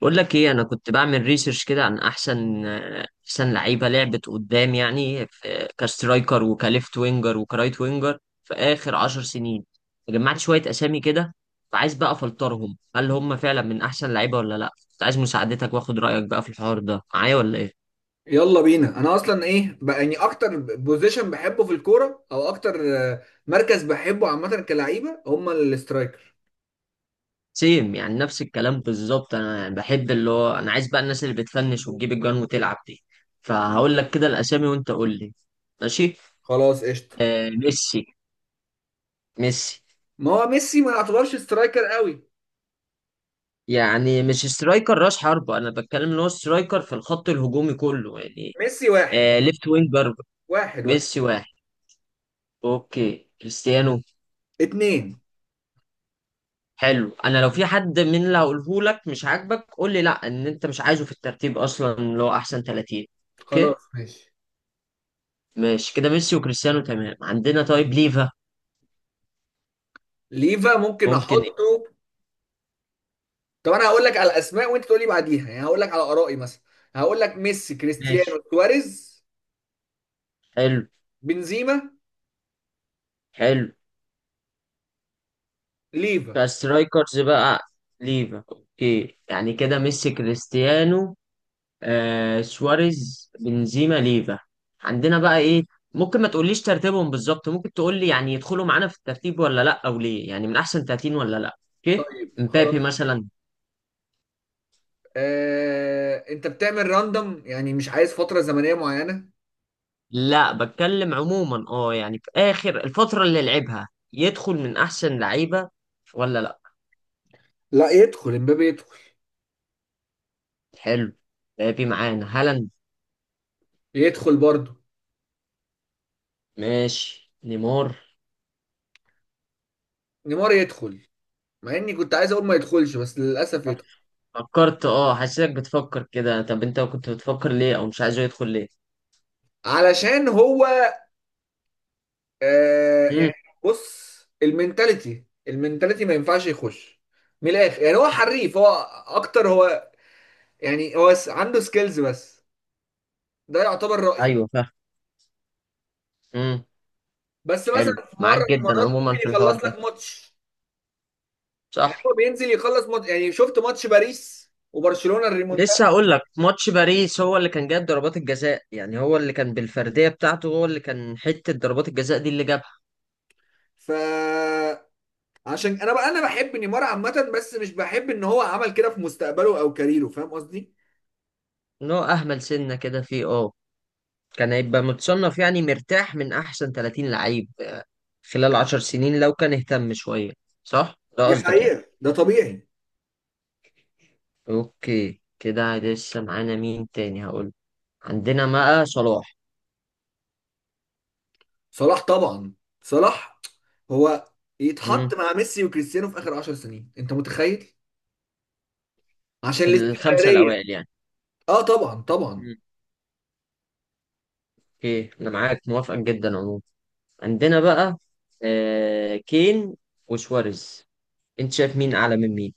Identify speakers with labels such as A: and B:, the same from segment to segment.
A: بقول لك ايه، انا كنت بعمل ريسيرش كده عن احسن لعيبه لعبت قدام يعني في كسترايكر وكليفت وينجر وكرايت وينجر في اخر عشر سنين. جمعت شويه اسامي كده، فعايز بقى افلترهم، هل هم فعلا من احسن لعيبه ولا لا؟ كنت عايز مساعدتك واخد رايك بقى في الحوار ده معايا، ولا ايه؟
B: يلا بينا. انا اصلا ايه بقى؟ يعني اكتر بوزيشن بحبه في الكوره، او اكتر مركز بحبه عامه كلعيبه، هما الاسترايكر.
A: سيم يعني، نفس الكلام بالظبط. انا يعني بحب اللي هو، انا عايز بقى الناس اللي بتفنش وتجيب الجوان وتلعب دي. فهقول لك كده الاسامي وانت قول لي. ماشي.
B: خلاص، قشطه.
A: آه، ميسي. ميسي
B: ما هو ميسي ما يعتبرش سترايكر قوي.
A: يعني مش سترايكر راس حربة، انا بتكلم ان هو سترايكر في الخط الهجومي كله يعني.
B: ميسي واحد.
A: آه، ليفت وينج جاربر.
B: واحد
A: ميسي واحد. اوكي، كريستيانو.
B: اتنين.
A: حلو. انا لو في حد من اللي هقوله لك مش عاجبك قول لي لا، ان انت مش عايزه في الترتيب اصلا، اللي هو احسن 30. اوكي.
B: خلاص ماشي.
A: ماشي كده، ميسي وكريستيانو تمام عندنا. طيب ليفا؟
B: ليفا ممكن
A: ممكن إيه؟
B: احطه. طب انا هقول لك على الاسماء وانت تقول لي بعديها، يعني هقول لك على ارائي مثلا. هقول لك ميسي،
A: ماشي.
B: كريستيانو، سواريز،
A: حلو.
B: بنزيما،
A: حلو.
B: ليفا.
A: فسترايكرز بقى. ليفا اوكي، يعني كده ميسي، كريستيانو، آه، سواريز، بنزيما، ليفا. عندنا بقى ايه؟ ممكن ما تقوليش ترتيبهم بالظبط، ممكن تقولي يعني يدخلوا معانا في الترتيب ولا لا، او ليه، يعني من احسن 30 ولا لا. اوكي.
B: طيب
A: مبابي
B: خلاص.
A: مثلا؟
B: انت بتعمل راندوم؟ يعني مش عايز فترة زمنية معينة؟
A: لا، بتكلم عموما، اه يعني في اخر الفترة اللي لعبها، يدخل من احسن لعيبة ولا لا.
B: لا، يدخل، يدخل، امبابي يدخل.
A: حلو. مبابي معانا، هالاند.
B: يدخل برضه.
A: ماشي، نيمار.
B: نيمار يدخل، مع اني كنت عايز اقول ما يدخلش، بس للاسف
A: طب
B: يدخل.
A: فكرت، اه حسيتك بتفكر كده، طب انت كنت بتفكر ليه، او مش عايزه يدخل ليه؟
B: علشان هو، آه
A: امم
B: يعني بص، المينتاليتي ما ينفعش يخش. من الاخر يعني، هو حريف، هو اكتر، هو يعني عنده سكيلز بس. ده يعتبر رأيي.
A: ايوه، فاهم. امم
B: بس
A: حلو،
B: مثلا في مره
A: معاك
B: من
A: جدا
B: المرات
A: عموما
B: ممكن
A: في الحوار
B: يخلص لك
A: ده.
B: ماتش. يعني
A: صح.
B: هو بينزل يخلص يعني شفت ماتش باريس وبرشلونة الريمونتادا.
A: لسه هقول لك، ماتش باريس هو اللي كان جايب ضربات الجزاء، يعني هو اللي كان بالفرديه بتاعته، هو اللي كان حته ضربات الجزاء دي اللي جابها.
B: ف عشان انا بقى انا بحب نيمار عامة، بس مش بحب ان هو عمل كده في مستقبله او كاريره. فاهم قصدي؟
A: ان هو اهمل سنه كده فيه، اه، كان هيبقى متصنف يعني مرتاح من احسن 30 لعيب خلال 10 سنين لو كان اهتم شويه. صح، ده
B: دي
A: قصدك يعني.
B: حقيقة، ده طبيعي.
A: اوكي، كده لسه معانا مين تاني هقول؟ عندنا بقى صلاح.
B: صلاح طبعا. صلاح، هو يتحط
A: مم.
B: مع ميسي وكريستيانو في اخر 10 سنين، انت متخيل؟ عشان
A: في الخمسه
B: الاستمرارية.
A: الاوائل يعني.
B: اه طبعا، طبعا.
A: مم. اوكي، انا معاك موافق جدا عموما. عندنا بقى، آه، كين وسواريز. انت شايف مين اعلى من مين؟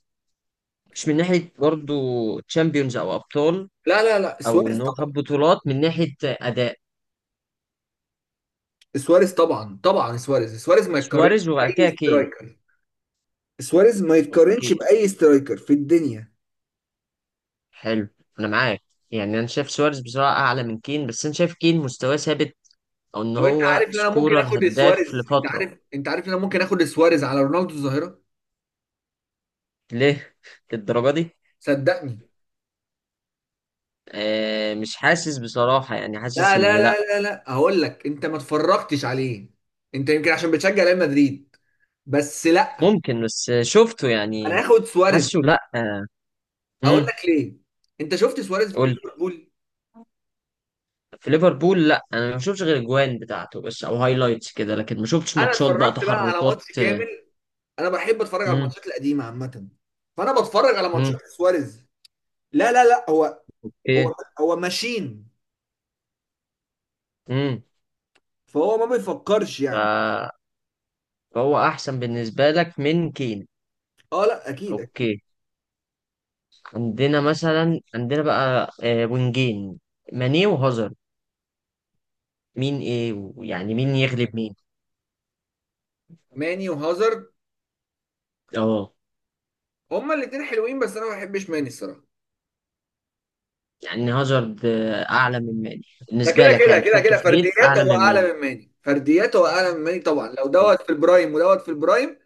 A: مش من ناحية برضو تشامبيونز او ابطال،
B: لا لا لا،
A: او
B: سواريز
A: ان هو
B: طبعا.
A: خد بطولات، من ناحية اداء.
B: سواريز طبعا، طبعا. سواريز، سواريز ما يتقارنش
A: سواريز وبعد
B: باي
A: كده كين.
B: سترايكر. سواريز ما
A: اوكي.
B: يتقارنش باي سترايكر في الدنيا.
A: حلو. انا معاك، يعني انا شايف سواريز بصراحة اعلى من كين، بس انا شايف كين مستواه ثابت، او ان
B: طب انت
A: هو
B: عارف ان انا ممكن
A: سكورر
B: اخد
A: هداف
B: سواريز؟ انت
A: لفترة.
B: عارف، انت عارف ان انا ممكن اخد سواريز على رونالدو الظاهره؟
A: ليه للدرجة دي؟
B: صدقني.
A: آه، مش حاسس بصراحة، يعني حاسس
B: لا
A: ان
B: لا لا
A: لا.
B: لا لا، هقول لك. انت ما اتفرجتش عليه. انت يمكن عشان بتشجع ريال مدريد، بس لا.
A: ممكن، بس شفته
B: انا
A: يعني.
B: هاخد سواريز.
A: حاسه لا.
B: هقول
A: آه.
B: لك ليه. انت شفت سواريز في
A: قول.
B: ليفربول؟
A: في ليفربول، لا انا ما شفتش غير الجوان بتاعته بس، او هايلايتس كده، لكن ما شفتش
B: انا
A: ماتشات بقى،
B: اتفرجت بقى على
A: تحركات.
B: ماتش كامل. انا بحب اتفرج على
A: امم
B: الماتشات القديمه عامه. فانا بتفرج على
A: امم
B: ماتشات سواريز. لا لا لا، هو
A: ايه؟
B: هو هو ماشين.
A: امم
B: فهو ما بيفكرش
A: ف...
B: يعني.
A: فهو احسن بالنسبه لك من كين.
B: اه، لا اكيد اكيد.
A: اوكي. عندنا مثلا، عندنا بقى آه، وينجين، ماني وهازارد. مين ايه، ويعني مين يغلب مين؟
B: ماني وهازارد،
A: اه.
B: هما الاتنين حلوين، بس انا ما بحبش ماني الصراحه.
A: يعني هازارد آه، اعلى من ماني
B: ده
A: بالنسبه
B: كده
A: لك،
B: كده
A: يعني
B: كده
A: تحطه
B: كده،
A: في ريت
B: فرديات
A: اعلى
B: هو
A: من ماني.
B: اعلى من ماني، فرديات هو اعلى من ماني طبعا، لو
A: اوكي.
B: دوت في البرايم ودوت في البرايم.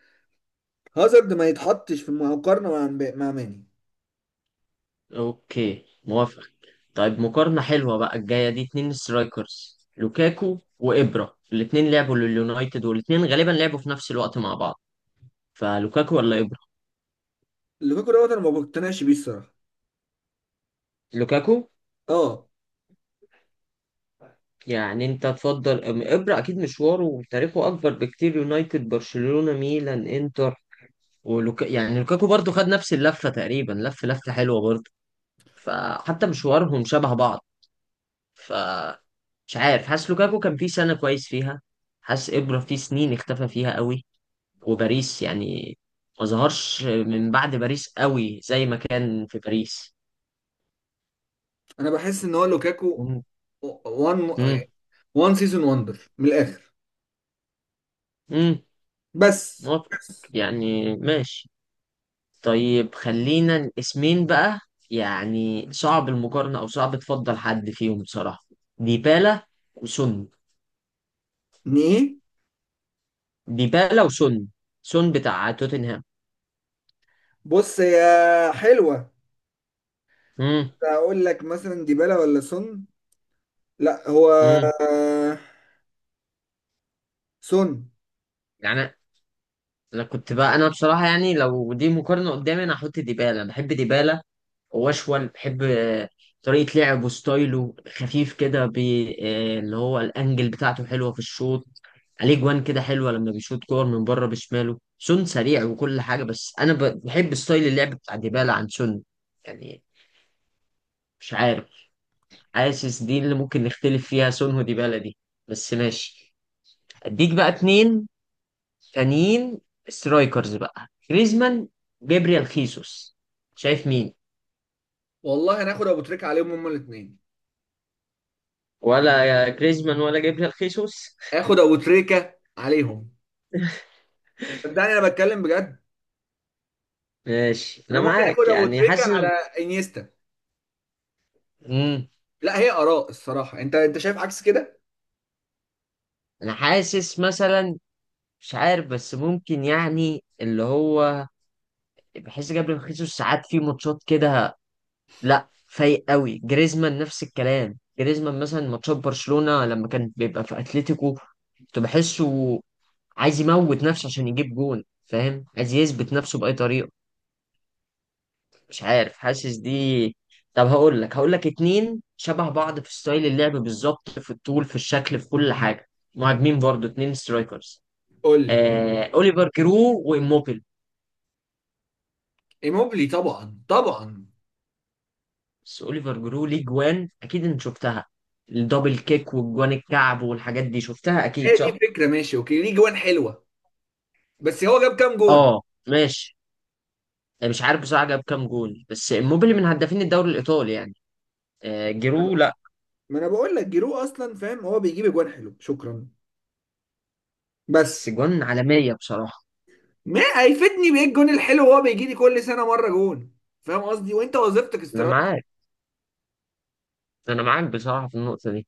B: هازارد ما يتحطش في المقارنه مع ماني.
A: اوكي، موافق. طيب مقارنة حلوة بقى الجاية دي، اتنين سترايكرز، لوكاكو وإبرا. الاتنين لعبوا لليونايتد، والاتنين غالبا لعبوا في نفس الوقت مع بعض. فلوكاكو ولا إبرا؟
B: لوكاكو دوت، انا ما بقتنعش بيه الصراحه.
A: لوكاكو؟
B: اه.
A: يعني انت تفضل إبرا اكيد مشواره وتاريخه اكبر بكتير، يونايتد، برشلونة، ميلان، انتر. ولوكا يعني لوكاكو برضو خد نفس اللفة تقريبا، لف لفة حلوة برضو، فحتى مشوارهم شبه بعض. فمش عارف، حاسس لوكاكو كان فيه سنة كويس فيها، حاسس إبرا فيه سنين اختفى فيها قوي، وباريس يعني ما ظهرش من بعد باريس قوي زي ما كان في باريس.
B: انا بحس ان هو لوكاكو
A: مم.
B: وان
A: امم
B: وان سيزون وندر من الاخر.
A: امم
B: بس
A: موافقة،
B: بس.
A: يعني ماشي. طيب، خلينا الاسمين بقى، يعني صعب المقارنة او صعب تفضل حد فيهم بصراحة، ديبالا وسون.
B: ايه؟
A: ديبالا وسون، سون بتاع توتنهام.
B: بص يا حلوه،
A: امم
B: اقول لك مثلا ديبالا ولا سون؟ لا، هو
A: امم
B: سون.
A: يعني انا كنت بقى، انا بصراحة يعني لو دي مقارنة قدامي انا هحط ديبالا، بحب ديبالا واشول، بحب آه، طريقة لعبه، ستايله خفيف كده، آه، اللي هو الانجل بتاعته حلوة في الشوط، عليه جوان كده حلوة لما بيشوط كور من بره بشماله. سون سريع وكل حاجة، بس انا بحب ستايل اللعب بتاع ديبالا عن سون، يعني مش عارف. حاسس دي اللي ممكن نختلف فيها، سون وديبالا دي، بس ماشي. اديك بقى اتنين تانيين، سترايكرز بقى، جريزمان، جابريال خيسوس. شايف مين؟
B: والله هناخد ابو تريكه عليهم هما الاثنين.
A: ولا يا جريزمان ولا جابريال خيسوس؟
B: اخد ابو تريكه عليهم. صدقني انا بتكلم بجد.
A: ماشي، انا
B: انا ممكن اخد
A: معاك،
B: ابو
A: يعني
B: تريكه
A: حاسس
B: على انيستا.
A: امم
B: لا، هي اراء الصراحه. انت، انت شايف عكس كده؟
A: انا حاسس مثلا، مش عارف، بس ممكن يعني اللي هو، بحس جابريل خيسوس ساعات في ماتشات كده لا فايق قوي. جريزمان نفس الكلام، جريزمان مثلا ماتشات برشلونة لما كان بيبقى في اتلتيكو، كنت بحسه عايز يموت نفسه عشان يجيب جون، فاهم، عايز يثبت نفسه بأي طريقة. مش عارف، حاسس دي. طب هقول لك اتنين شبه بعض في ستايل اللعب بالظبط، في الطول، في الشكل، في كل حاجه، مهاجمين برضو، اتنين سترايكرز،
B: قول لي.
A: اوليفر جرو واموبيل.
B: ايموبلي طبعا طبعا.
A: بس اوليفر جرو ليه جوان اكيد انت شفتها، الدبل كيك، والجوان الكعب، والحاجات دي شفتها
B: هي
A: اكيد،
B: دي
A: صح؟
B: فكره، ماشي اوكي، ليه جوان حلوه، بس هو جاب كام جون؟
A: اه ماشي، مش عارف بصراحه جاب كام جول، بس اموبيل من هدافين الدوري الايطالي يعني. جرو لا،
B: ما انا بقول لك جيرو اصلا، فاهم، هو بيجيب اجوان حلو، شكرا،
A: بس
B: بس.
A: جوان عالميه بصراحه.
B: ما هيفيدني بايه الجون الحلو وهو بيجي لي كل سنه مره جون؟ فاهم قصدي؟ وانت وظيفتك
A: انا
B: سترايك.
A: معاك، انا معاك بصراحه في النقطه دي.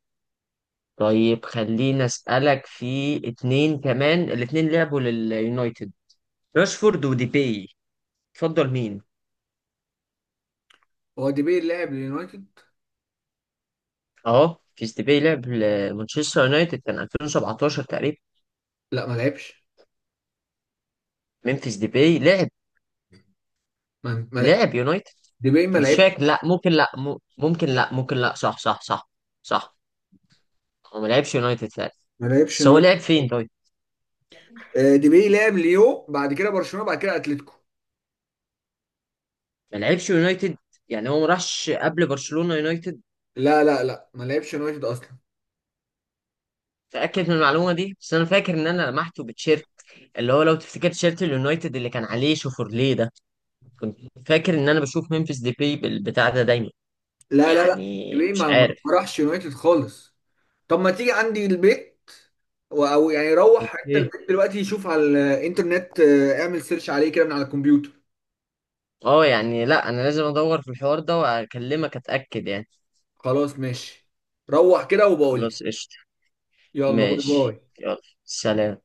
A: طيب خليني أسألك في اتنين كمان، الاتنين لعبوا لليونايتد، راشفورد وديباي، تفضل مين؟
B: هو ديبي لعب لليونايتد؟
A: اه، ممفيس ديباي لعب لمانشستر يونايتد كان 2017 تقريبا.
B: لا، ما لعبش.
A: ممفيس ديباي لعب،
B: ما ما لع-
A: لعب يونايتد.
B: ديبي ما
A: مش
B: لعبش.
A: فاكر، لا ممكن، لا م- ممكن لا، ممكن لا، صح. هو ما لعبش يونايتد فعلا.
B: ما لعبش
A: بس هو لعب
B: يونايتد.
A: فين طيب؟
B: ديبي لعب ليو، بعد كده برشلونه، بعد كده اتلتيكو.
A: ما لعبش يونايتد، يعني هو ما راحش قبل برشلونة يونايتد؟
B: لا لا لا، ما لعبش يونايتد اصلا.
A: تأكد من المعلومة دي، بس أنا فاكر إن أنا لمحته بتشيرت، اللي هو لو تفتكر تيشيرت اليونايتد اللي كان عليه شوفورليه ده، كنت فاكر ان انا بشوف ممفيس ديباي بالبتاع ده دايما.
B: لا لا لا،
A: يعني
B: ديبي
A: مش
B: ما
A: عارف.
B: راحش يونايتد خالص. طب ما تيجي عندي البيت، او يعني روح حتى
A: اوكي.
B: البيت دلوقتي، يشوف على الانترنت، اعمل سيرش عليه كده من على الكمبيوتر.
A: اه يعني لا، انا لازم ادور في الحوار ده واكلمك اتاكد يعني.
B: خلاص ماشي. روح كده وبقول لي.
A: خلاص قشطه.
B: يلا، باي
A: ماشي،
B: باي.
A: يلا. سلام.